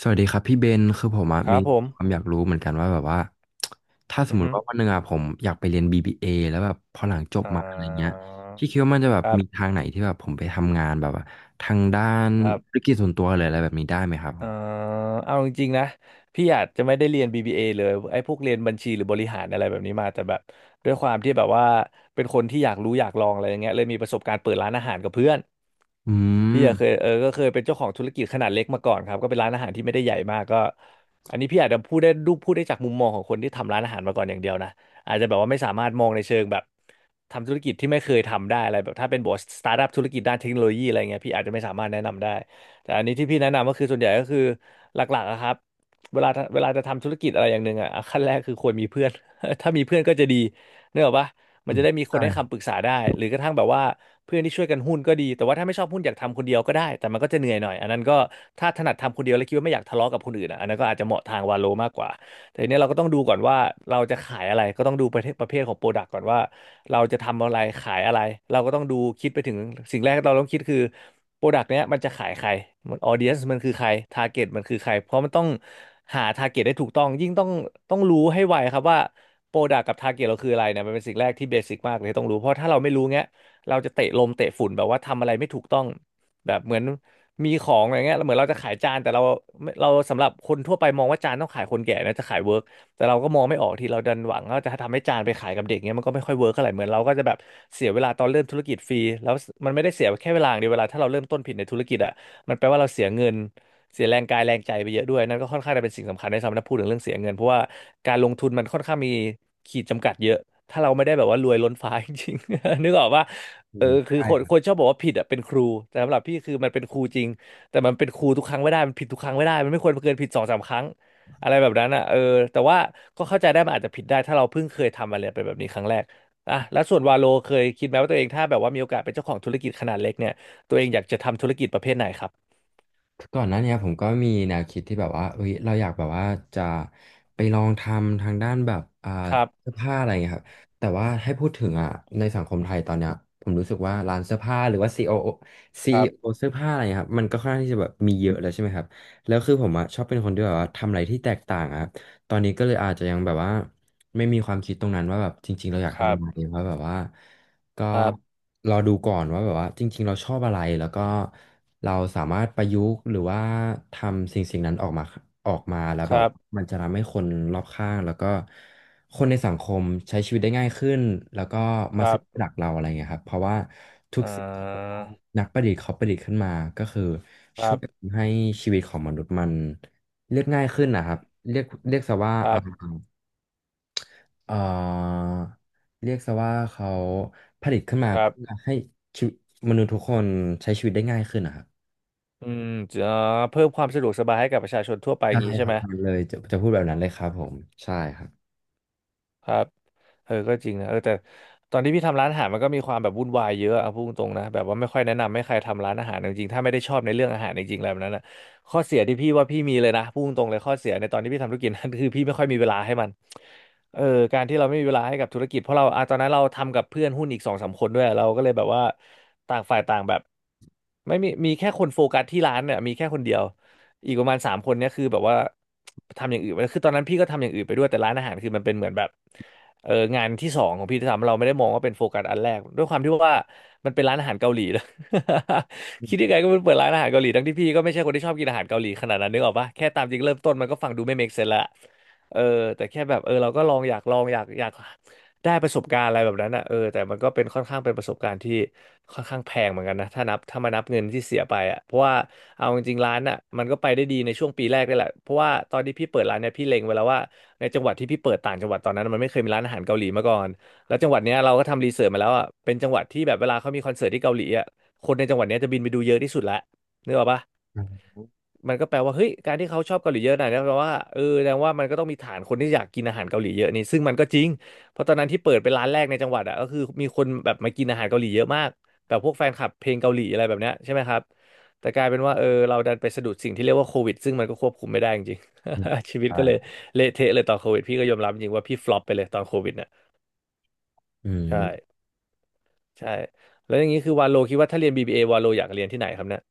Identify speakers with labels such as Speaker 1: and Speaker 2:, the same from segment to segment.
Speaker 1: สวัสดีครับพี่เบนคือผมอะ
Speaker 2: ครั
Speaker 1: มี
Speaker 2: บผ
Speaker 1: ความ
Speaker 2: ม
Speaker 1: อยากรู้เหมือนกันว่าแบบว่าถ้าสม
Speaker 2: อือ
Speaker 1: ม
Speaker 2: ฮึ
Speaker 1: ติว่าวันหนึ่งอะผมอยากไปเรียน BBA แล้วแบบพอหลังจบ
Speaker 2: อ่
Speaker 1: มาอะไรเงี้ย
Speaker 2: า
Speaker 1: พี่คิดว่ามันจะแบบ
Speaker 2: ครับ
Speaker 1: มีทางไหนที่แบบผมไปทำงานแบบว่าทางด้าน
Speaker 2: ครับ
Speaker 1: ธุรกิจส่วนตัวหรืออะไรแบบนี้ได้ไหมครับผ
Speaker 2: เอ่อ
Speaker 1: ม
Speaker 2: เอาจริงๆนะ พี่อาจจะไม่ได้เรียน BBA เอเลยไอ้พวกเรียนบัญชีหรือบริหารอะไรแบบนี้มาแต่แบบด้วยความที่แบบว่าเป็นคนที่อยากรู้อยากลองอะไรอย่างเงี้ยเลยมีประสบการณ์เปิดร้านอาหารกับเพื่อน
Speaker 1: อื
Speaker 2: พี่
Speaker 1: ม
Speaker 2: อะเคยเออก็เคยเป็นเจ้าของธุรกิจขนาดเล็กมาก่อนครับก็เป็นร้านอาหารที่ไม่ได้ใหญ่มากก็อันนี้พี่อาจจะพูดได้ดูพูดได้จากมุมมองของคนที่ทำร้านอาหารมาก่อนอย่างเดียวนะอาจจะแบบว่าไม่สามารถมองในเชิงแบบทำธุรกิจที่ไม่เคยทำได้อะไรแบบถ้าเป็นบอสสตาร์ทอัพธุรกิจด้านเทคโนโลยีอะไรเงี้ยพี่อาจจะไม่สามารถแนะนำได้แต่อันนี้ที่พี่แนะนำก็คือส่วนใหญ่ก็คือหลักๆอะครับเวลาจะทำธุรกิจอะไรอย่างหนึ่งอะขั้นแรกคือควรมีเพื่อน ถ้ามีเพื่อนก็จะดี นึกออกปะ มั
Speaker 1: อื
Speaker 2: น
Speaker 1: ม
Speaker 2: จะได้มีคนให้
Speaker 1: ใช่
Speaker 2: คำปรึกษาได้หรือกระทั่งแบบว่าเพื่อนที่ช่วยกันหุ้นก็ดีแต่ว่าถ้าไม่ชอบหุ้นอยากทำคนเดียวก็ได้แต่มันก็จะเหนื่อยหน่อยอันนั้นก็ถ้าถนัดทำคนเดียวแล้วคิดว่าไม่อยากทะเลาะกับคนอื่นอะอันนั้นก็อาจจะเหมาะทางวาโลมากกว่าแต่ทีเนี้ยเราก็ต้องดูก่อนว่าเราจะขายอะไรก็ต้องดูประเภทของโปรดักต์ก่อนว่าเราจะทำอะไรขายอะไรเราก็ต้องดูคิดไปถึงสิ่งแรกที่เราต้องคิดคือโปรดักต์เนี้ยมันจะขายใครมันออเดียนมันคือใครทาร์เก็ตมันคือใครเพราะมันต้องหาทาร์เก็ตได้ถูกต้องยิ่งต้องรู้ให้ไวครับว่า โปรดักกับทาร์เก็ตเราคืออะไรเนี่ยมันเป็นสิ่งแรกที่เบสิกมากเลยต้องรู้เพราะถ้าเราไม่รู้เงี้ยเราจะเตะลมเตะฝุ่นแบบว่าทำอะไรไม่ถูกต้องแบบเหมือนมีของอะไรเงี้ยเหมือนเราจะขายจานแต่เราสำหรับคนทั่วไปมองว่าจานต้องขายคนแก่นะจะขายเวิร์กแต่เราก็มองไม่ออกที่เราดันหวังว่าจะทำให้จานไปขายกับเด็กเงี้ยมันก็ไม่ค่อยเวิร์กเท่าไหร่เหมือนเราก็จะแบบเสียเวลาตอนเริ่มธุรกิจฟรีแล้วมันไม่ได้เสียแค่เวลาอย่างเดียวเวลาถ้าเราเริ่มต้นผิดในธุรกิจอ่ะมันแปลว่าเราเสียเงิน เสียแรงกายแรงใจไปเยอะด้วยนั่นก็ค่อนข้างจะเป็นสิ่งสำคัญในสำหรับพูดถึงเรื่องเสียเงินเพราะว่าการลงทุนมันค่อนข้างมีขีดจำกัดเยอะถ้าเราไม่ได้แบบว่ารวยล้นฟ้าจริงๆ นึกออกว่า
Speaker 1: อื
Speaker 2: เออ
Speaker 1: ม
Speaker 2: คือ
Speaker 1: ใช่
Speaker 2: คนชอบบอกว่าผิดอ่ะเป็นครูแต่สำหรับพี่คือมันเป็นครูจริงแต่มันเป็นครูทุกครั้งไม่ได้มันผิดทุกครั้งไม่ได้มันไม่ควรเกินผิดสองสามครั้งอะไรแบบนั้นอ่ะเออแต่ว่าก็เข้าใจได้มันอาจจะผิดได้ถ้าเราเพิ่งเคยทำอะไรเป็นแบบนี้ครั้งแรกอ่ะแล้วส่วนวาโลเคยคิดไหมว่าตัวเองถ้าแบบว่ามีโอกาสเป็นเจ้าของธุรกิจขนาดเล็กเนี่ยตัวเองอยากจะทำธุรกิจประเภทไหนครับ
Speaker 1: ก่อนหน้าเนี้ยผมก็มีแนวคิดที่แบบว่าเอ้ยเราอยากแบบว่าจะไปลองทำทางด้านแบบ
Speaker 2: ครั
Speaker 1: เสื้
Speaker 2: บ
Speaker 1: อผ้าอะไรเงี้ยครับแต่ว่าให้พูดถึงอ่ะในสังคมไทยตอนเนี้ยผมรู้สึกว่าร้านเสื้อผ้าหรือว่า CEO ีโอโอซี
Speaker 2: ครั
Speaker 1: อีโอ
Speaker 2: บ
Speaker 1: เสื้อผ้าอะไรเงี้ยครับมันก็ค่อนข้างที่จะแบบมีเยอะแล้วใช่ไหมครับแล้วคือผมอ่ะชอบเป็นคนที่แบบว่าทำอะไรที่แตกต่างอะครับตอนนี้ก็เลยอาจจะยังแบบว่าไม่มีความคิดตรงนั้นว่าแบบจริงๆเราอยาก
Speaker 2: ค
Speaker 1: ทำ
Speaker 2: รั
Speaker 1: อะ
Speaker 2: บ
Speaker 1: ไรเพราะแบบว่า ก็
Speaker 2: ครับ
Speaker 1: รอดูก่อนว่าแบบว่าจริงๆเราชอบอะไรแล้วก็เราสามารถประยุกต์หรือว่าทำสิ่งนั้นออกมาออกมาแล้ว
Speaker 2: ค
Speaker 1: แบบ
Speaker 2: รับ
Speaker 1: ว่ามันจะทำให้คนรอบข้างแล้วก็คนในสังคมใช้ชีวิตได้ง่ายขึ้นแล้วก็
Speaker 2: ค
Speaker 1: มา
Speaker 2: รั
Speaker 1: ซื้อ
Speaker 2: บ
Speaker 1: หลักเราอะไรเงี้ยครับเพราะว่าทุก
Speaker 2: อ่
Speaker 1: สิ่งที่แบบ
Speaker 2: า
Speaker 1: ว่านักประดิษฐ์เขาประดิษฐ์ขึ้นมาก็คือ
Speaker 2: ค
Speaker 1: ช่
Speaker 2: รั
Speaker 1: วย
Speaker 2: บ
Speaker 1: ให้ชีวิตของมนุษย์มันเรียกง่ายขึ้นนะครับเรียกซะว่า
Speaker 2: ครับ
Speaker 1: เอ่อเรียกซะว่าเขาผลิตขึ้นมา
Speaker 2: ครั
Speaker 1: เพื่อ
Speaker 2: บ
Speaker 1: ให้ชีวิตมนุษย์ทุกคนใช้ชีวิตได้ง่ายขึ้นนะครับ
Speaker 2: อืมจะเพิ่มความสะดวกสบายให้กับประชาชนทั่วไปอ
Speaker 1: ใช่
Speaker 2: ย่างนี้
Speaker 1: ค
Speaker 2: ใช่
Speaker 1: รับ
Speaker 2: ไหม
Speaker 1: เลยจะพูดแบบนั้นเลยครับผมใช่ครับ
Speaker 2: ครับ เออก็จริงนะเออแต่ตอนที่พี่ทำร้านอาหารมันก็มีความแบบวุ่นวายเยอะเอาพูดตรงๆนะแบบว่าไม่ค่อยแนะนำให้ใครทำร้านอาหารจริงๆถ้าไม่ได้ชอบในเรื่องอาหารจริงๆแล้วแบบนั้นนะข้อเสียที่พี่ว่าพี่มีเลยนะพูดตรงๆเลยข้อเสียในตอนที่พี่ทำธุรกิจนัน คือพี่ไม่ค่อยมีเวลาให้มันเออการที่เราไม่มีเวลาให้กับธุรกิจเพราะเราอ่ะตอนนั้นเราทำกับเพื่อนหุ้นอีกสองสามคนด้วยเราก็เลยแบบว่าต่างฝ่ายต่างแบบไม่มีมีแค่คนโฟกัสที่ร้านเนี่ยมีแค่คนเดียวอีกประมาณสามคนเนี่ยคือแบบว่าทำอย่างอื่นไปแล้วคือตอนนั้นพี่ก็ทำอย่างอื่นไปด้วยแต่ร้านอาหารคือมันเป็นเหมือนแบบ งานที่สองของพี่ที่ทำเราไม่ได้มองว่าเป็นโฟกัสอันแรกด้วยความที่ว่ามันเป็นร้านอาหารเกาหลีนะ คิดยังไงก็เปิดร้านอาหารเกาหลีทั้งที่พี่ก็ไม่ใช่คนที่ชอบกินอาหารเกาหลีขนาดนั้นนึกออกปะแค่ตามจริงเริ่มต้นมันก็ฟังดูไม่ make sense ละเออแต่แค่แบบเราก็ลองอยากลองอยากได้ประสบการณ์อะไรแบบนั้นอ่ะแต่มันก็เป็นค่อนข้างเป็นประสบการณ์ที่ค่อนข้างแพงเหมือนกันนะถ้ามานับเงินที่เสียไปอ่ะเพราะว่าเอาจริงๆร้านอ่ะมันก็ไปได้ดีในช่วงปีแรกได้แหละเพราะว่าตอนที่พี่เปิดร้านเนี่ยพี่เล็งไว้แล้วว่า ในจังหวัดที่พี่เปิดต่างจังหวัดตอนนั้นมันไม่เคยมีร้านอาหารเกาหลีมาก่อนแล้วจังหวัดเนี้ยเราก็ทำรีเสิร์ชมาแล้วอ่ะเป็นจังหวัดที่แบบเวลาเขามีคอนเสิร์ตที่เกาหลีอ่ะคนในจังหวัดเนี้ยจะบินไปดูเยอะที่สุดละนึกออกปะ
Speaker 1: อืม
Speaker 2: มันก็แปลว่าเฮ้ยการที่เขาชอบเกาหลีเยอะหนอยนะแปลว่าแสดงว่ามันก็ต้องมีฐานคนที่อยากกินอาหารเกาหลีเยอะนี่ซึ่งมันก็จริงเพราะตอนนั้นที่เปิดเป็นร้านแรกในจังหวัดอ่ะก็คือมีคนแบบมากินอาหารเกาหลีเยอะมากแบบพวกแฟนคลับเพลงเกาหลีอะไรแบบเนี้ยใช่ไหมครับแต่กลายเป็นว่าเราดันไปสะดุดสิ่งที่เรียกว่าโควิดซึ่งมันก็ควบคุมไม่ได้จริงๆ ชีวิตก็เลย
Speaker 1: ใช่
Speaker 2: เละเทะเลยตอนโควิดพี่ก็ยอมรับจริงว่าพี่ฟลอปไปเลยตอนโควิดเนี่ย
Speaker 1: อื
Speaker 2: ใช่
Speaker 1: ม
Speaker 2: ใช่แล้วอย่างนี้คือวาโลคิดว่าถ้าเรียน BBA วาโลอยากเรียนที่ไหนครับเนี่ย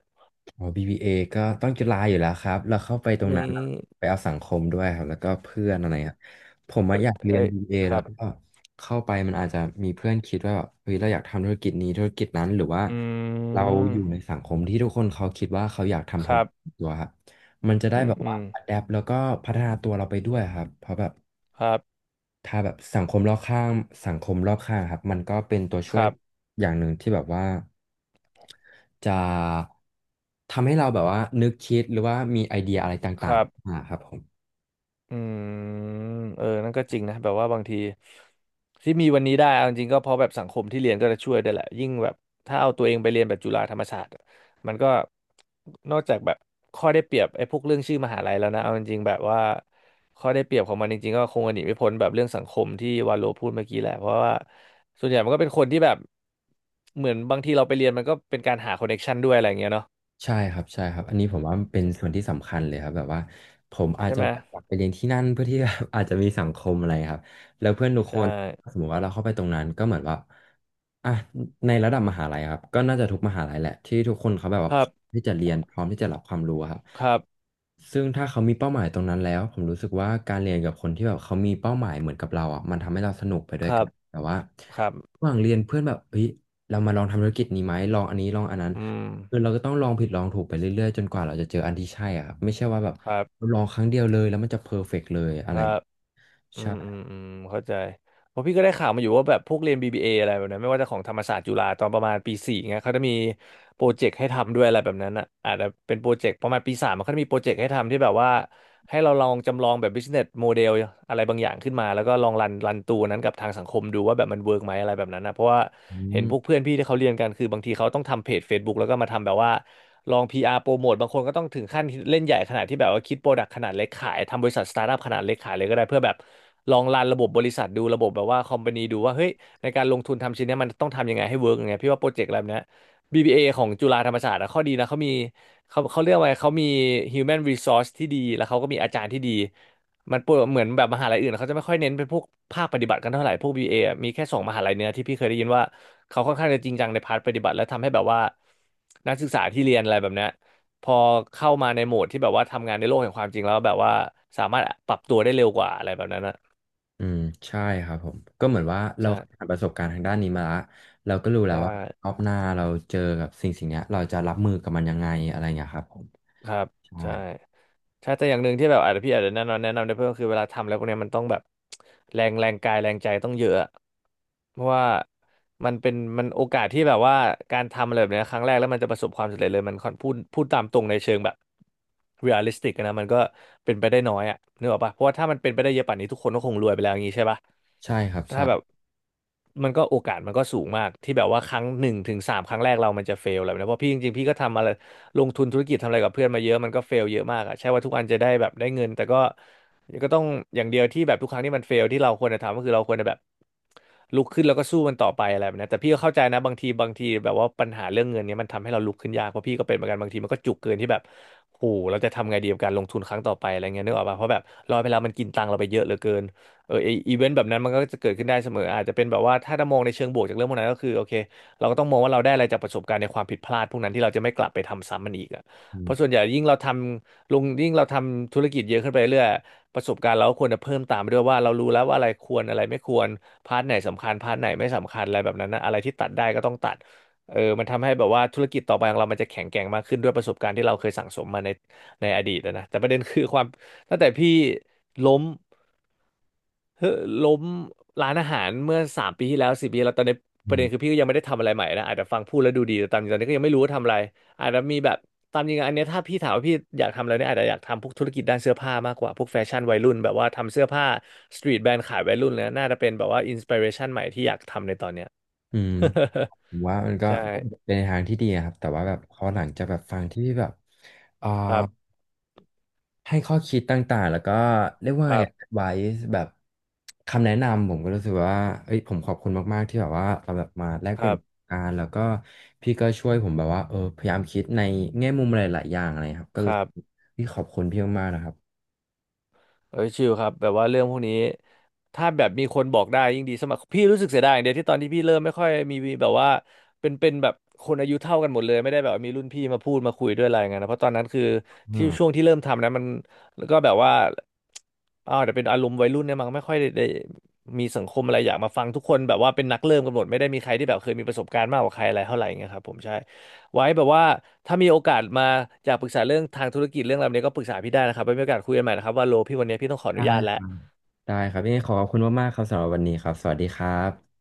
Speaker 1: อ๋อ BBA ก็ต้องจุฬาอยู่แล้วครับแล้วเข้าไปตรง
Speaker 2: นี่
Speaker 1: นั้นไปเอาสังคมด้วยครับแล้วก็เพื่อนอะไรครับ ผมอะอยากเรียน
Speaker 2: เอ้ย
Speaker 1: BBA
Speaker 2: ค
Speaker 1: แล้
Speaker 2: รั
Speaker 1: ว
Speaker 2: บ
Speaker 1: ก็เข้าไปมันอาจจะมีเพื่อนคิดว่าแบบเฮ้ยเราอยากทำธุรกิจนี้ธุรกิจนั้นหรือว่า
Speaker 2: อื
Speaker 1: เราอยู่ใน
Speaker 2: ม
Speaker 1: สังคมที่ทุกคนเขาคิดว่าเขาอยากทำ
Speaker 2: ค
Speaker 1: ธุร
Speaker 2: รับ
Speaker 1: กิจตัวครับมันจะได้
Speaker 2: อืม
Speaker 1: แบบ
Speaker 2: อื
Speaker 1: ว่า
Speaker 2: ม
Speaker 1: adapt แ p ปแล้วก็พัฒนาตัวเราไปด้วยครับเพราะแบบ
Speaker 2: ครับ
Speaker 1: ถ้าแบบสังคมรอบข้างสังคมรอบข้างครับมันก็เป็นตัว
Speaker 2: ค
Speaker 1: ช่วย
Speaker 2: รับ
Speaker 1: อย่างหนึ่งที่แบบว่าจะทำให้เราแบบว่านึกคิดหรือว่ามีไอเดียอะไร
Speaker 2: ค
Speaker 1: ต่าง
Speaker 2: รับ
Speaker 1: ๆอ่าครับผม
Speaker 2: อืมนั่นก็จริงนะแบบว่าบางทีที่มีวันนี้ได้เอาจริงๆก็เพราะแบบสังคมที่เรียนก็จะช่วยได้วยแหละยิ่งแบบถ้าเอาตัวเองไปเรียนแบบจุฬาธรรมศาสตร์อะมันก็นอกจากแบบข้อได้เปรียบไอ้พวกเรื่องชื่อมหาลัยแล้วนะเอาจริงๆแบบว่าข้อได้เปรียบของมันจริงๆก็คงหนีไม่พ้นแบบเรื่องสังคมที่วาโลพูดเมื่อกี้แหละเพราะว่าส่วนใหญ่มันก็เป็นคนที่แบบเหมือนบางทีเราไปเรียนมันก็เป็นการหาคอนเนคชันด้วยอะไรอย่างเงี้ยเนาะ
Speaker 1: ใช่ครับอันนี้ผมว่ามันเป็นส่วนที่สำคัญเลยครับแบบว่าผมอาจ
Speaker 2: ใช่
Speaker 1: จะ
Speaker 2: ไหม
Speaker 1: แบบอยากไปเรียนที่นั่นเพื่อที่ แบบ อาจจะมีสังคมอะไรครับแล้วเพื่อนทุกค
Speaker 2: ใช่
Speaker 1: นสมมติว่าเราเข้าไปตรงนั้นก็เหมือนว่าอ่ะในระดับมหาลัยครับก็น่าจะทุกมหาลัยแหละที่ทุกคนเขาแบบว่า
Speaker 2: ค
Speaker 1: พ
Speaker 2: รั
Speaker 1: ร้อม
Speaker 2: บ
Speaker 1: ที่จะเรียนพร้อมที่จะรับความรู้ครับ
Speaker 2: ครับ
Speaker 1: ซึ่งถ้าเขามีเป้าหมายตรงนั้นแล้วผมรู้สึกว่าการเรียนกับคนที่แบบเขามีเป้าหมายเหมือนกับเราอ่ะมันทำให้เราสนุกไปด้
Speaker 2: ค
Speaker 1: วยกั
Speaker 2: รั
Speaker 1: น
Speaker 2: บ
Speaker 1: แต่ว่า
Speaker 2: ครับ
Speaker 1: ระหว่างเรียนเพื่อนแบบเฮ้ยเรามาลองทำธุรกิจนี้ไหมลองอันนี้ลองอันนั้น
Speaker 2: อืม
Speaker 1: คือเราก็ต้องลองผิดลองถูกไปเรื่อยๆจนกว่าเราจะเจออันที่ใช่อะครับไม่ใช่ว่าแบบ
Speaker 2: ครับ
Speaker 1: ลองครั้งเดียวเลยแล้วมันจะเพอร์เฟกต์เลย
Speaker 2: ค
Speaker 1: อะไร
Speaker 2: รับอืมอืม
Speaker 1: ใช่
Speaker 2: อืมเข้าใจเพราะพี่ก็ได้ข่าวมาอยู่ว่าแบบพวกเรียน BBA ออะไรแบบนั้นไม่ว่าจะของธรรมศาสตร์จุฬาตอนประมาณปีสี่เงี้ยเขาจะมีโปรเจกต์ให้ทำด้วยอะไรแบบนั้นอ่ะอาจจะเป็นโปรเจกต์ประมาณปีสามมันก็จะมีโปรเจกต์ให้ทำที่แบบว่า ให้เราลองจำลองแบบ business model อะไรบางอย่างขึ้นมาแล้วก็ลองรันตัวนั้นกับทางสังคมดูว่าแบบมันเวิร์กไหมอะไรแบบนั้นนะเพราะว่า
Speaker 1: อื
Speaker 2: เห็นพวก
Speaker 1: ม
Speaker 2: เพื่อนพี่ที่เขาเรียนกันคือบางทีเขาต้องทำเพจ Facebook แล้วก็มาทำแบบว่าลอง PR โปรโมทบางคนก็ต้องถึงขั้นเล่นใหญ่ขนาดที่แบบว่าคิดโปรดักต์ขนาดเล็กขายทำบริษัทสตาร์ทอัพขนาดเล็กขายเลยก็ได้เพื่อแบบลองรันระบบบริษัทดูระบบแบบว่าคอมพานีดูว่าเฮ้ยในการลงทุนทำชิ้นเนี้ยมันต้องทำยังไงให้เวิร์กยังไงพี่ว่าโปรเจกต์แบบเนี้ย BBA ของจุฬาธรรมศาสตร์อะข้อดีนะเขามีเขาเรียกว่าไงเขามี human resource ที่ดีแล้วเขาก็มีอาจารย์ที่ดีมันปวดเหมือนแบบมหาลัยอื่นเขาจะไม่ค่อยเน้นเป็นพวกภาคปฏิบัติกันเท่าไหร่พวก BBA ออะมีแค่สองมหาลัยเนี้ยที่พี่เคยได้ยินว่าเขาค่อนข้างจะจริงจังในพาร์ทปฏิบัติและทำให้แบบว่านักศึกษาที่เรียนอะไรแบบเนี้ยพอเข้ามาในโหมดที่แบบว่าทำงานในโลกแห่งความจริงแล้วแบบว่าสามารถปรับตัวได้เร็วกว่าอะไรแบบนั้นอะ
Speaker 1: อืมใช่ครับผมก็เหมือนว่าเรา
Speaker 2: ใช่
Speaker 1: ผ่านประสบการณ์ทางด้านนี้มาละเราก็รู้แล้ว
Speaker 2: ใช่
Speaker 1: ว่ารอบหน้าเราเจอกับสิ่งเนี้ยเราจะรับมือกับมันยังไงอะไรเงี้ยครับผม
Speaker 2: ครับ
Speaker 1: ใช่
Speaker 2: ใช่ใช่แต่อย่างหนึ่งที่แบบอาจจะแนะนำได้เพิ่มคือเวลาทำแล้วพวกเนี้ยมันต้องแบบ แรงแรงกายแรงใจต้องเยอะอะเพราะว่ามันเป็นมันโอกาสที่แบบว่าการทำอะไรแบบเนี้ยครั้งแรกแล้วมันจะประสบความสำเร็จเลยมันค่อนพูดพูดตามตรงในเชิงแบบเรียลลิสติกนะมันก็เป็นไปได้น้อยอะนึกออกปะเพราะว่าถ้ามันเป็นไปได้เยอะป่านนี้ทุกคนก็คงรวยไปแล้วอย่างงี้ใช่ปะ
Speaker 1: ใช่ครับ
Speaker 2: ถ้า
Speaker 1: ใช่
Speaker 2: แบบ มันก็โอกาสมันก็สูงมากที่แบบว่าครั้งหนึ่งถึงสามครั้งแรกเรามันจะเฟลอะไรแบบนี้เพราะพี่จริงๆพี่ก็ทำอะไรลงทุนธุรกิจทำอะไรกับเพื่อนมาเยอะมันก็เฟลเยอะมากอะใช่ว่าทุกอันจะได้แบบได้เงินแต่ก็ก็ต้องอย่างเดียวที่แบบทุกครั้งที่มันเฟลที่เราควรจะทำก็คือเราควรจะแบบลุกขึ้นแล้วก็สู้มันต่อไปอะไรแบบนี้แต่พี่ก็เข้าใจนะบางทีแบบว่าปัญหาเรื่องเงินเนี้ยมันทำให้เราลุกขึ้นยากเพราะพี่ก็เป็นเหมือนกันบางทีมันก็จุกเกินที่แบบโหเราจะทำไงดีกับการลงทุนครั้งต่อไปอะไรเงี้ยนึกออกป่ะเพราะแบบรอยไปแล้วมันกินตังค์เราไปเยอะเหลือเกิน เออไออีเวนต์แบบนั้นมันก็จะเกิดขึ้นได้เสมออาจจะเป็นแบบว่าถ้าจะมองในเชิงบวกจากเรื่องพวกนั้นก็คือโอเคเราก็ต้องมองว่าเราได้อะไรจากประสบการณ์ในความผิดพลาดพวกนั้นที่เราจะไม่กลับไปทำซ้ำมันอีกอ่ะ
Speaker 1: อื
Speaker 2: เพ
Speaker 1: ม
Speaker 2: ราะส่วนใหญ่ยิ่งเราทำลงยิ่งเราทำธุรกิจเยอะขึ้นไปเรื่อยประสบการณ์เราก็ควรจะเพิ่มตามไปด้วยว่าเรารู้แล้วว่าอะไรควรอะไรไม่ควรพาร์ทไหนสำคัญพาร์ทไหนไม่สำคัญอะไรแบบนั้นนะอะไรที่ตัดได้ก็ต้องตัดเออมันทำให้แบบว่าธุรกิจต่อไปของเรามันจะแข็งแกร่งมากขึ้นด้วยประสบการณ์ที่เราเคยสั่งสมมาในอดีตอะนะแต่ประเด็นคือความตั้งแต่พี่ล้ม เฮ้อล้มร้านอาหารเมื่อสามปีที่แล้วสี่ปีแล้วตอนนี้
Speaker 1: อื
Speaker 2: ประเด็น
Speaker 1: ม
Speaker 2: คือพี่ก็ยังไม่ได้ทำอะไรใหม่นะอาจจะฟังพูดแล้วดูดีแต่ตามจริงตอนนี้ก็ยังไม่รู้ว่าทำอะไรอาจจะมีแบบตามจริงอันเนี้ยถ้าพี่ถามว่าพี่อยากทำอะไรเนี่ยอาจจะอยากทำพวกธุรกิจด้านเสื้อผ้ามากกว่าพวกแฟชั่นวัยรุ่นแบบว่าทำเสื้อผ้าสตรีทแบรนด์ขายวัยรุ่นเลยนะน่าจะเป็นแบบว่าอินสปิเรชันใหม่ที่อยากทำในตอนเนี้ย
Speaker 1: อืมผมว่ามัน ก็
Speaker 2: ใช
Speaker 1: เ
Speaker 2: ่
Speaker 1: ป็นทางที่ดีอะครับแต่ว่าแบบพอหลังจะแบบฟังที่แบบอ่า
Speaker 2: ครับ
Speaker 1: ให้ข้อคิดต่างๆแล้วก็เรียกว่า
Speaker 2: ครั
Speaker 1: ไง
Speaker 2: บ
Speaker 1: ไว้แบบคำแนะนำผมก็รู้สึกว่าเอ้ยผมขอบคุณมากๆที่แบบว่าเราแบบมาแลก
Speaker 2: ค
Speaker 1: เปลี่
Speaker 2: รั
Speaker 1: ยนประส
Speaker 2: บ
Speaker 1: บการณ์แล้วก็พี่ก็ช่วยผมแบบว่าเออพยายามคิดในแง่มุมหลายๆอย่างอะไรครับก็
Speaker 2: ค
Speaker 1: รู้
Speaker 2: รั
Speaker 1: สึก
Speaker 2: บ
Speaker 1: พี่ขอบคุณพี่มากๆนะครับ
Speaker 2: เอ้ยชิลครับแบบว่าเรื่องพวกนี้ถ้าแบบมีคนบอกได้ยิ่งดีสมัครพี่รู้สึกเสียดายอย่างเดียวที่ตอนที่พี่เริ่มไม่ค่อยมีแบบว่าเป็นแบบคนอายุเท่ากันหมดเลยไม่ได้แบบว่ามีรุ่นพี่มาพูดมาคุยด้วยอะไรเงี้ยนะเพราะตอนนั้นคือ
Speaker 1: อื
Speaker 2: ที่
Speaker 1: ม
Speaker 2: ช่วงที่เริ่มทำนะมันแล้วก็แบบว่าอ้าวแต่เป็นอารมณ์วัยรุ่นเนี่ยมันไม่ค่อยได้มีสังคมอะไรอยากมาฟังทุกคนแบบว่าเป็นนักเริ่มกันหมดไม่ได้มีใครที่แบบเคยมีประสบการณ์มากกว่าใครอะไรเท่าไหร่เงี้ยครับผมใช่ ไว้แบบว่าถ้ามีโอกาสมาอยากปรึกษาเรื่องทางธุรกิจเรื่องอะไรแบบนี้ก็ปรึกษาพี่ได้นะครับไว้มีโอกาสคุยกันใหม่นะครับว่าโลพี่วันนี้พี่ต้องขอ
Speaker 1: ได
Speaker 2: อนุญาตแล้ว
Speaker 1: ้ได้ครับยังไงขอขอบคุณมากๆครับสำหรับวันนี้ครับสวัสดีครับ